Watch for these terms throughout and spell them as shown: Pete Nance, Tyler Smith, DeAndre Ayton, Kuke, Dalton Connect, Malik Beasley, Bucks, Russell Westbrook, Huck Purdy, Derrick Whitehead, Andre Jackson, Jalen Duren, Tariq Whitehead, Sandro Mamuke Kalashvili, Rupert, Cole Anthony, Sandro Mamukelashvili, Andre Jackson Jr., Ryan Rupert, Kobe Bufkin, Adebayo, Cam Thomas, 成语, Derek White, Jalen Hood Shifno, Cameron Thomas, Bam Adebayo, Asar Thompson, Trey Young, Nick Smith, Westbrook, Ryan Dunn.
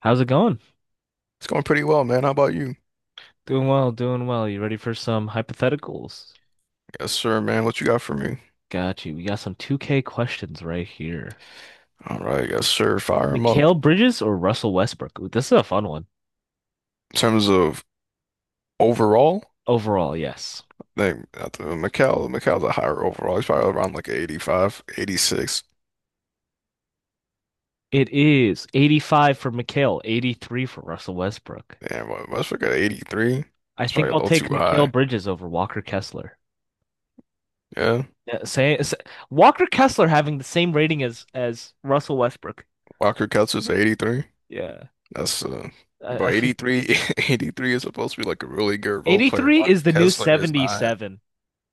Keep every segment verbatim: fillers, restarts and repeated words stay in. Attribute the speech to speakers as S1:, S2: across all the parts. S1: How's it going?
S2: It's going pretty well, man. How about you?
S1: Doing well, doing well. You ready for some hypotheticals?
S2: Yes, sir, man. What you got for me?
S1: Got you. We got some two K questions right here.
S2: All right, yes, sir. Fire him up.
S1: Mikal Bridges or Russell Westbrook? Ooh, this is a fun one.
S2: In terms of overall,
S1: Overall, yes.
S2: they not the Mikal, Mikal's a higher overall. He's probably around like eighty-five, eighty-six.
S1: It is eighty-five for Mikal, eighty-three for Russell Westbrook.
S2: Damn, what Westbrook at eighty-three.
S1: I
S2: It's probably
S1: think
S2: a
S1: I'll
S2: little
S1: take
S2: too
S1: Mikal
S2: high.
S1: Bridges over Walker Kessler.
S2: Yeah.
S1: Yeah, say, say- Walker Kessler having the same rating as as Russell Westbrook.
S2: Walker Kessler's eighty-three.
S1: Yeah.
S2: That's uh
S1: I, I
S2: But
S1: feel
S2: eighty-three eighty-three is supposed to be like a really good role player.
S1: eighty-three is
S2: Walker
S1: the new
S2: Kessler is not.
S1: seventy-seven,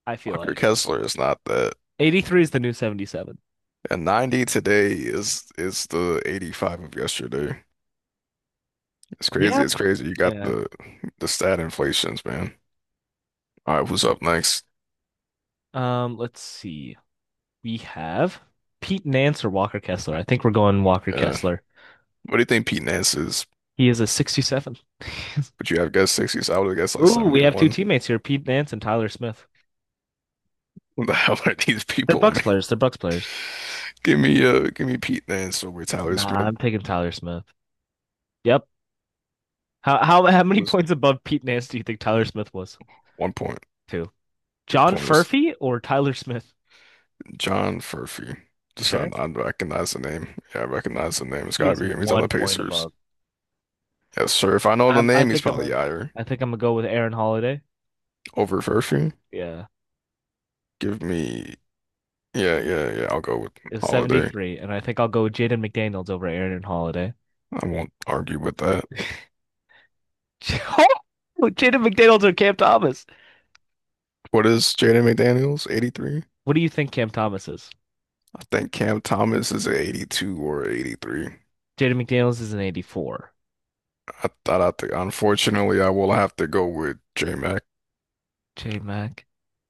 S1: I feel
S2: Walker
S1: like.
S2: Kessler is not that.
S1: eighty-three is the new seventy-seven.
S2: And ninety today is is the eighty-five of yesterday. It's
S1: Yeah,
S2: crazy. It's crazy. You got
S1: yeah.
S2: the the stat inflations, man. All right, who's up next?
S1: Um, let's see. We have Pete Nance or Walker Kessler. I think we're going Walker
S2: Uh,
S1: Kessler.
S2: what do you think Pete Nance is?
S1: He is a sixty-seven.
S2: Would you have guessed sixties? I would have guessed like
S1: Ooh, we have two
S2: seventy-one.
S1: teammates here, Pete Nance and Tyler Smith.
S2: What the hell are these
S1: They're
S2: people,
S1: Bucks
S2: man?
S1: players. They're Bucks players.
S2: Give me uh give me Pete Nance over Tyler
S1: Nah,
S2: Smith.
S1: I'm taking Tyler Smith. Yep. How how how many
S2: It was
S1: points above Pete Nance do you think Tyler Smith was?
S2: one point,
S1: Two.
S2: two
S1: John
S2: points.
S1: Furphy or Tyler Smith?
S2: John Furphy.
S1: You
S2: Just I,
S1: sure?
S2: I recognize the name. Yeah, I recognize the name. It's
S1: He
S2: gotta
S1: is
S2: be him. He's on the
S1: one point
S2: Pacers.
S1: above.
S2: Yes, sir. If I know the
S1: Um, I
S2: name, he's
S1: think I'm
S2: probably
S1: a,
S2: higher.
S1: I think I'm gonna go with Aaron Holiday.
S2: Over Furphy.
S1: Yeah.
S2: Give me Yeah, yeah, yeah. I'll go with
S1: It was
S2: Holiday.
S1: seventy-three, and I think I'll go with Jaden McDaniels over Aaron Holiday.
S2: I won't argue with that.
S1: Jaden McDaniels or Cam Thomas?
S2: What is Jaden McDaniels? eighty-three?
S1: What do you think Cam Thomas is?
S2: I think Cam Thomas is at eighty-two or eighty-three.
S1: Jaden McDaniels is an eighty-four.
S2: I thought I think unfortunately I will have to go with J Mac.
S1: J Mac.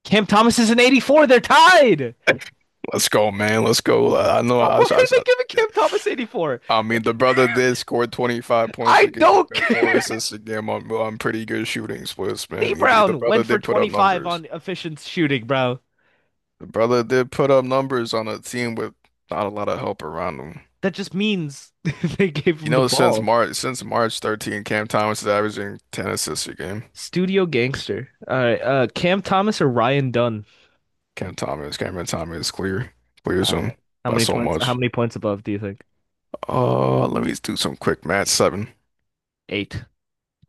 S1: Cam Thomas is an eighty-four. They're tied.
S2: Let's go, man. Let's go. I I know
S1: Oh,
S2: I,
S1: why
S2: I,
S1: are they
S2: I,
S1: giving
S2: yeah.
S1: Cam Thomas eighty-four?
S2: I mean the brother did score twenty-five points
S1: I
S2: a game
S1: don't
S2: and four
S1: care.
S2: assists a game on, on pretty good shooting splits,
S1: D
S2: man. He, did- the
S1: Brown
S2: brother
S1: went for
S2: did put up
S1: twenty-five
S2: numbers.
S1: on efficient shooting, bro.
S2: The brother did put up numbers on a team with not a lot of help around him.
S1: That just means they gave
S2: You
S1: him the
S2: know, since
S1: ball.
S2: March since March thirteenth, Cam Thomas is averaging ten assists a game.
S1: Studio gangster. All right. Uh, Cam Thomas or Ryan Dunn?
S2: Cam Thomas, Cameron Thomas clear clears
S1: All right.
S2: him
S1: How
S2: by
S1: many
S2: so
S1: points? How
S2: much.
S1: many points above do you think?
S2: Uh, let me do some quick math. Seven.
S1: Eight.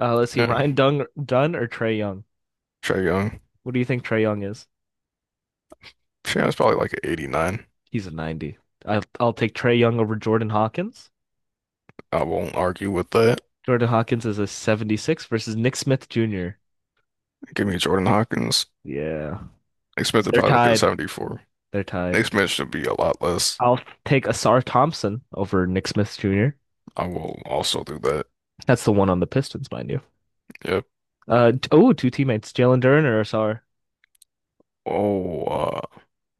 S1: Uh, let's see,
S2: Yeah.
S1: Ryan Dung Dunn or Trey Young?
S2: Trae Young.
S1: What do you think Trey Young is?
S2: Trae Young's probably like an eighty-nine.
S1: He's a ninety. I'll, I'll take Trey Young over Jordan Hawkins.
S2: I won't argue with that.
S1: Jordan Hawkins is a seventy-six versus Nick Smith Junior
S2: Give me Jordan Hawkins.
S1: Yeah.
S2: Nick Smith would
S1: They're
S2: probably look at
S1: tied.
S2: seventy-four.
S1: They're tied.
S2: Nick Smith should be a lot less.
S1: I'll take Asar Thompson over Nick Smith Junior
S2: I will also do that.
S1: That's the one on the Pistons, mind you.
S2: Yep.
S1: Uh, oh, two teammates, Jalen Duren or Asar.
S2: Oh, uh,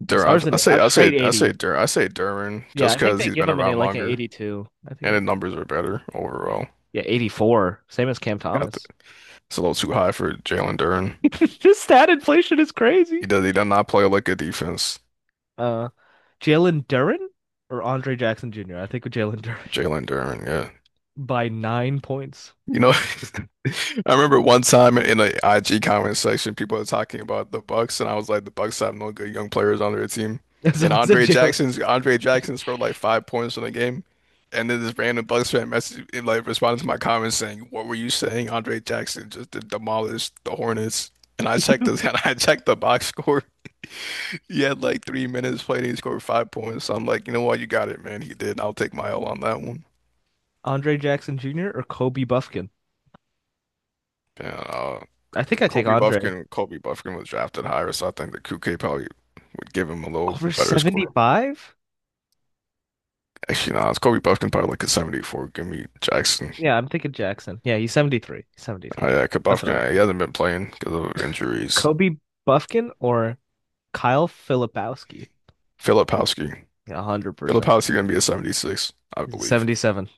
S2: Dur I,
S1: Asar's
S2: I
S1: an
S2: say,
S1: a
S2: I say,
S1: straight
S2: I say
S1: eighty.
S2: Dur I say Duran
S1: Yeah,
S2: just
S1: I think
S2: because
S1: they
S2: he's
S1: give
S2: been
S1: him an
S2: around
S1: like an
S2: longer
S1: eighty-two. I think
S2: and the
S1: they,
S2: numbers are better overall.
S1: yeah, eighty-four. Same as Cam
S2: Yeah, I th-
S1: Thomas.
S2: it's a little too high for Jalen Duran.
S1: this stat inflation is crazy.
S2: He does. He does not play like a defense.
S1: Uh, Jalen Duren or Andre Jackson Junior I think with Jalen Duren
S2: Jalen Duren, yeah.
S1: by nine points.
S2: You know, I remember one time in the I G comment section, people were talking about the Bucks, and I was like, the Bucks have no good young players on their team. And
S1: Someone said
S2: Andre
S1: Jalen
S2: Jackson's Andre Jackson scored like five points in the game, and then this random Bucks fan message like responded to my comments saying, "What were you saying? Andre Jackson just demolished the Hornets." And I checked this, and I checked the box score. He had like three minutes played, and he scored five points. So I'm like, you know what, you got it, man. He did. I'll take my L on that one.
S1: Andre Jackson Junior or Kobe Bufkin.
S2: Yeah, uh,
S1: I think I take
S2: Kobe
S1: Andre
S2: Bufkin, Kobe Bufkin was drafted higher, so I think that Kuke probably would give him a little
S1: over
S2: better score.
S1: seventy-five.
S2: Actually, no, it's Kobe Bufkin probably like a seventy-four. Give me Jackson.
S1: Yeah, I'm thinking Jackson. Yeah, he's seventy-three. He's
S2: Oh,
S1: seventy-three.
S2: yeah, 'cause
S1: That's what I was
S2: Bufkin, he
S1: thinking.
S2: hasn't been playing because of injuries.
S1: Kobe Bufkin or Kyle Filipowski.
S2: Filipowski.
S1: Yeah, one hundred percent.
S2: Filipowski gonna be a seventy-six, I
S1: He's a
S2: believe.
S1: seventy-seven.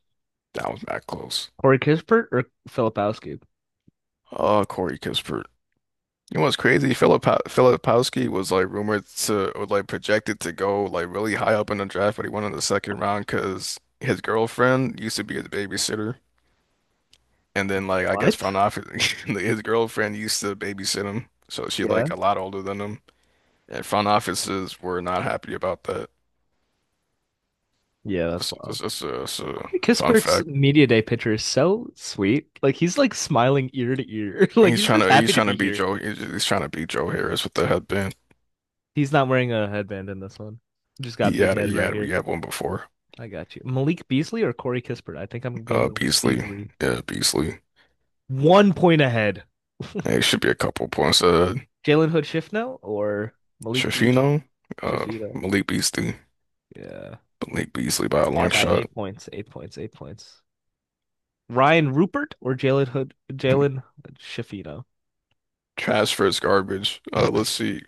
S2: That was that close.
S1: Corey Kispert or Filipowski?
S2: Uh, Corey Kispert. You know what's crazy? Filip Filipowski was like rumored to, or like projected to go like really high up in the draft, but he went in the second round because his girlfriend used to be his babysitter. And then like I guess
S1: What?
S2: front office his girlfriend used to babysit him, so she
S1: Yeah.
S2: like a lot older than him. And front offices were not happy about that.
S1: Yeah, that's
S2: That's, that's,
S1: wild.
S2: that's a, that's a
S1: Corey
S2: fun
S1: Kispert's
S2: fact.
S1: media day picture is so sweet. Like he's like smiling ear to ear.
S2: And
S1: Like
S2: he's
S1: he's
S2: trying
S1: just
S2: to
S1: happy
S2: he's
S1: to
S2: trying to
S1: be
S2: beat
S1: here.
S2: Joe he's, he's trying to beat Joe Harris with the headband.
S1: He's not wearing a headband in this one. Just got
S2: He
S1: big
S2: had a,
S1: head
S2: he
S1: right
S2: had we
S1: here.
S2: had one before.
S1: I got you. Malik Beasley or Corey Kispert? I think I'm gonna
S2: Uh
S1: go Malik
S2: Beasley.
S1: Beasley.
S2: Yeah, Beasley.
S1: One point ahead.
S2: It should be a couple points. Uh
S1: Jalen Hood Shifno or Malik Beasley?
S2: Shafino, uh
S1: Shifita.
S2: Malik Beasley.
S1: Yeah.
S2: Malik Beasley by a
S1: Yeah,
S2: long
S1: by
S2: shot.
S1: eight points. Eight points. Eight points. Ryan Rupert or Jalen Hood Jalen Shifito?
S2: Transfer is garbage. Uh let's see.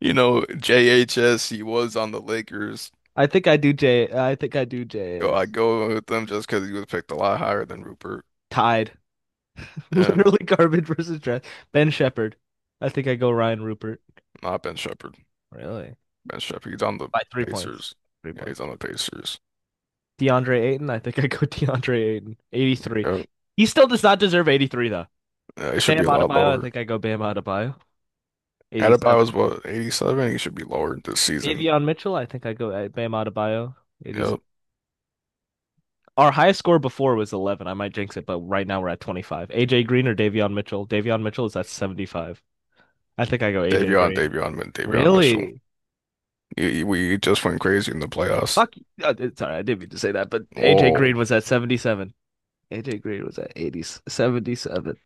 S2: You know, J H S, he was on the Lakers.
S1: I think I do J I think I do
S2: Go, I
S1: J S.
S2: go with them just because he was picked a lot higher than Rupert.
S1: Tied.
S2: Yeah,
S1: Literally garbage versus trash. Ben Shepherd. I think I go Ryan Rupert.
S2: not Ben Shepherd.
S1: Really?
S2: Ben Shepherd, he's on the
S1: By three points.
S2: Pacers.
S1: Three
S2: Yeah,
S1: points.
S2: he's on the Pacers.
S1: DeAndre Ayton. I think I go DeAndre Ayton. eighty-three.
S2: Yeah,
S1: He still does not deserve eighty-three, though.
S2: yeah, he should be
S1: Bam
S2: a lot
S1: Adebayo. I
S2: lower.
S1: think I go Bam Adebayo.
S2: Adebayo was
S1: eighty-seven.
S2: what, eighty-seven? He should be lower this season.
S1: Davion Mitchell. I think I go uh, Bam Adebayo.
S2: Yep.
S1: eighty-seven. Our highest score before was eleven. I might jinx it, but right now we're at twenty-five. A J Green or Davion Mitchell? Davion Mitchell is at seventy-five. I think I go A J
S2: Davion,
S1: Green.
S2: Davion, Mi- Davion Mitchell.
S1: Really?
S2: He, he- we just went crazy in the playoffs.
S1: Fuck. You. Uh, sorry, I didn't mean to say that, but A J
S2: Whoa.
S1: Green was at seventy-seven. A J Green was at eighty, seventy-seven,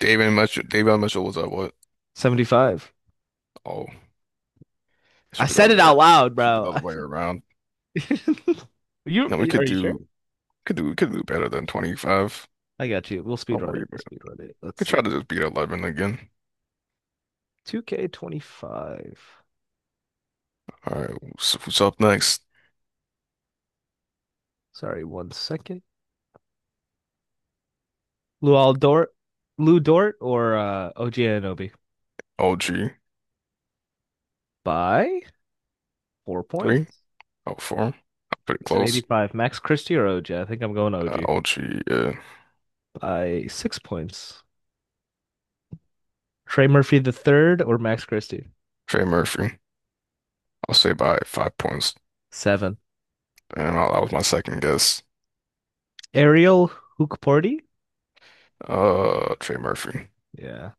S2: Davion Mitchell, Davion Mitchell was at what?
S1: seventy-five.
S2: Oh, it
S1: I
S2: should be the
S1: said
S2: other
S1: it
S2: way
S1: out
S2: around.
S1: loud,
S2: It should be the
S1: bro.
S2: other way around.
S1: You
S2: Now we
S1: are
S2: could
S1: you sure?
S2: do. Could do, could do better than twenty-five.
S1: I got you. We'll speed
S2: Don't
S1: run
S2: worry
S1: it. We'll
S2: about it.
S1: speed run it. Let's
S2: Could try
S1: see.
S2: to just beat eleven again.
S1: two K twenty-five.
S2: All right, who's, who's up next?
S1: Sorry, one second. Luol Dort, Lou Dort or uh O G Anunoby
S2: O G
S1: by four
S2: three,
S1: points.
S2: oh, four. Pretty
S1: He's an
S2: close.
S1: eighty-five. Max Christie or O G? I think I'm going
S2: Uh,
S1: O G
S2: O G, uh,
S1: by six points. Trey Murphy the third or Max Christie?
S2: Trey Murphy. I'll say by five points.
S1: Seven.
S2: And I, that was my second guess.
S1: Ariel Hookporty?
S2: Uh, Trey Murphy.
S1: Yeah.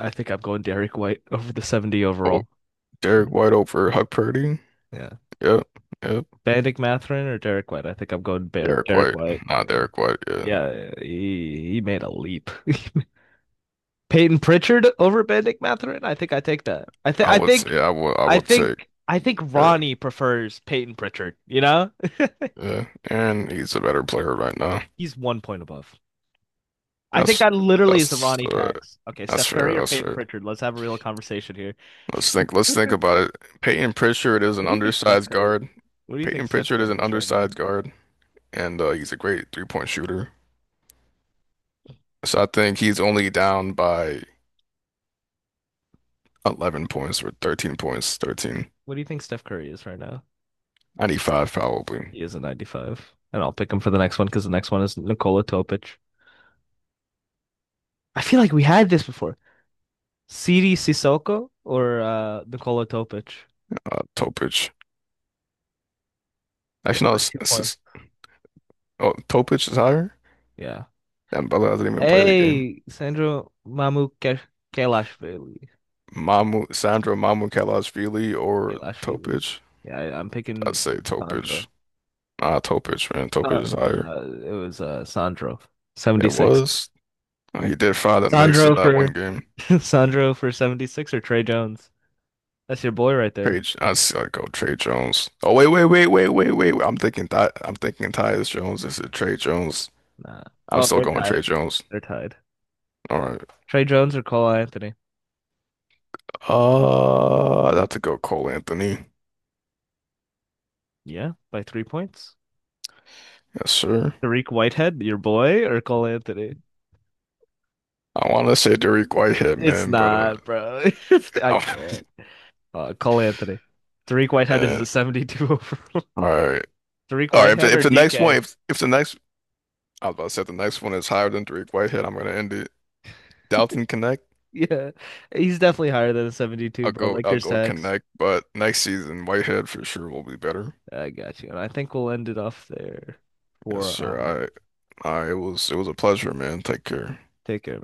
S1: I think I'm going Derek White over the seventy
S2: Oh,
S1: overall.
S2: Derek White over Huck Purdy.
S1: Yeah.
S2: Yep, yep.
S1: Bandic Matherin or Derek White? I think I'm going Bar-
S2: Derek
S1: Derek
S2: White,
S1: White.
S2: not Derek White. Yeah,
S1: Yeah, he, he made a leap. Peyton Pritchard over Benedict Matherin? I think I take that. I think
S2: I
S1: I
S2: would
S1: think
S2: say I would I
S1: I
S2: would take.
S1: think I think
S2: Yeah,
S1: Ronnie prefers Peyton Pritchard, you know?
S2: yeah. And he's a better player right now.
S1: He's one point above. I think
S2: That's
S1: that literally is the
S2: that's
S1: Ronnie
S2: uh,
S1: tax. Okay,
S2: That's
S1: Steph
S2: fair.
S1: Curry or
S2: That's
S1: Peyton
S2: fair.
S1: Pritchard? Let's have a real conversation here.
S2: Let's think. Let's think about it. Peyton Pritchard is an
S1: What do you think Steph
S2: undersized
S1: Curry?
S2: guard.
S1: What do you think
S2: Peyton
S1: Steph
S2: Pritchard is
S1: Curry
S2: an
S1: is right now?
S2: undersized guard, and uh, he's a great three-point shooter. So I think he's only down by eleven points or thirteen points, thirteen,
S1: What do you think Steph Curry is right now?
S2: ninety-five probably.
S1: He is a ninety-five. And I'll pick him for the next one because the next one is Nikola Topic. I feel like we had this before. Siri Sissoko or uh, Nikola Topic?
S2: Uh, Topic.
S1: Yeah,
S2: Actually, no,
S1: by
S2: it's,
S1: two
S2: it's
S1: points.
S2: just, oh, Topic is higher.
S1: Yeah.
S2: And Bella doesn't even play the game.
S1: Hey, Sandro Mamuke Kalashvili.
S2: Mamu, Sandro Mamukelashvili or
S1: Kalashvili.
S2: Topic.
S1: Yeah, I, I'm
S2: I'd
S1: picking
S2: say Topic.
S1: Sandro.
S2: Ah, Topic, man. Topic
S1: No,
S2: is higher.
S1: uh, it was uh, Sandro.
S2: It
S1: seventy-six.
S2: was. Uh, He did fire the Knicks in
S1: Sandro
S2: that
S1: for
S2: one game.
S1: Sandro for seventy-six or Trey Jones? That's your boy right there.
S2: Page, I see. I go Trey Jones. Oh wait, wait, wait, wait, wait, wait. I'm thinking that I'm thinking Tyus Jones. Is it Trey Jones?
S1: Nah.
S2: I'm
S1: Oh,
S2: still
S1: they're
S2: going Trey
S1: tied.
S2: Jones.
S1: They're tied.
S2: All right.
S1: Trey Jones or Cole Anthony?
S2: Uh, I'd have to go Cole Anthony.
S1: Yeah, by three points.
S2: Yes, sir.
S1: Tariq Whitehead, your boy, or Cole Anthony?
S2: I want to say Derrick Whitehead,
S1: It's
S2: man, but uh,
S1: not, bro. It's I can't. Uh, Cole Anthony. Tariq Whitehead is
S2: man.
S1: a seventy-two overall.
S2: All right,
S1: Tariq
S2: all right. If the,
S1: Whitehead
S2: if
S1: or
S2: the next one,
S1: D K?
S2: if if the next, I was about to say if the next one is higher than Derrick Whitehead, I'm gonna end it. Dalton Connect.
S1: Yeah, he's definitely higher than a seventy-two,
S2: I'll
S1: bro.
S2: go. I'll
S1: Lakers
S2: go
S1: tax.
S2: Connect. But next season, Whitehead for sure will be better.
S1: I got you. And I think we'll end it off there
S2: Yes,
S1: for our
S2: sir. I I was it was a pleasure, man. Take care.
S1: take care.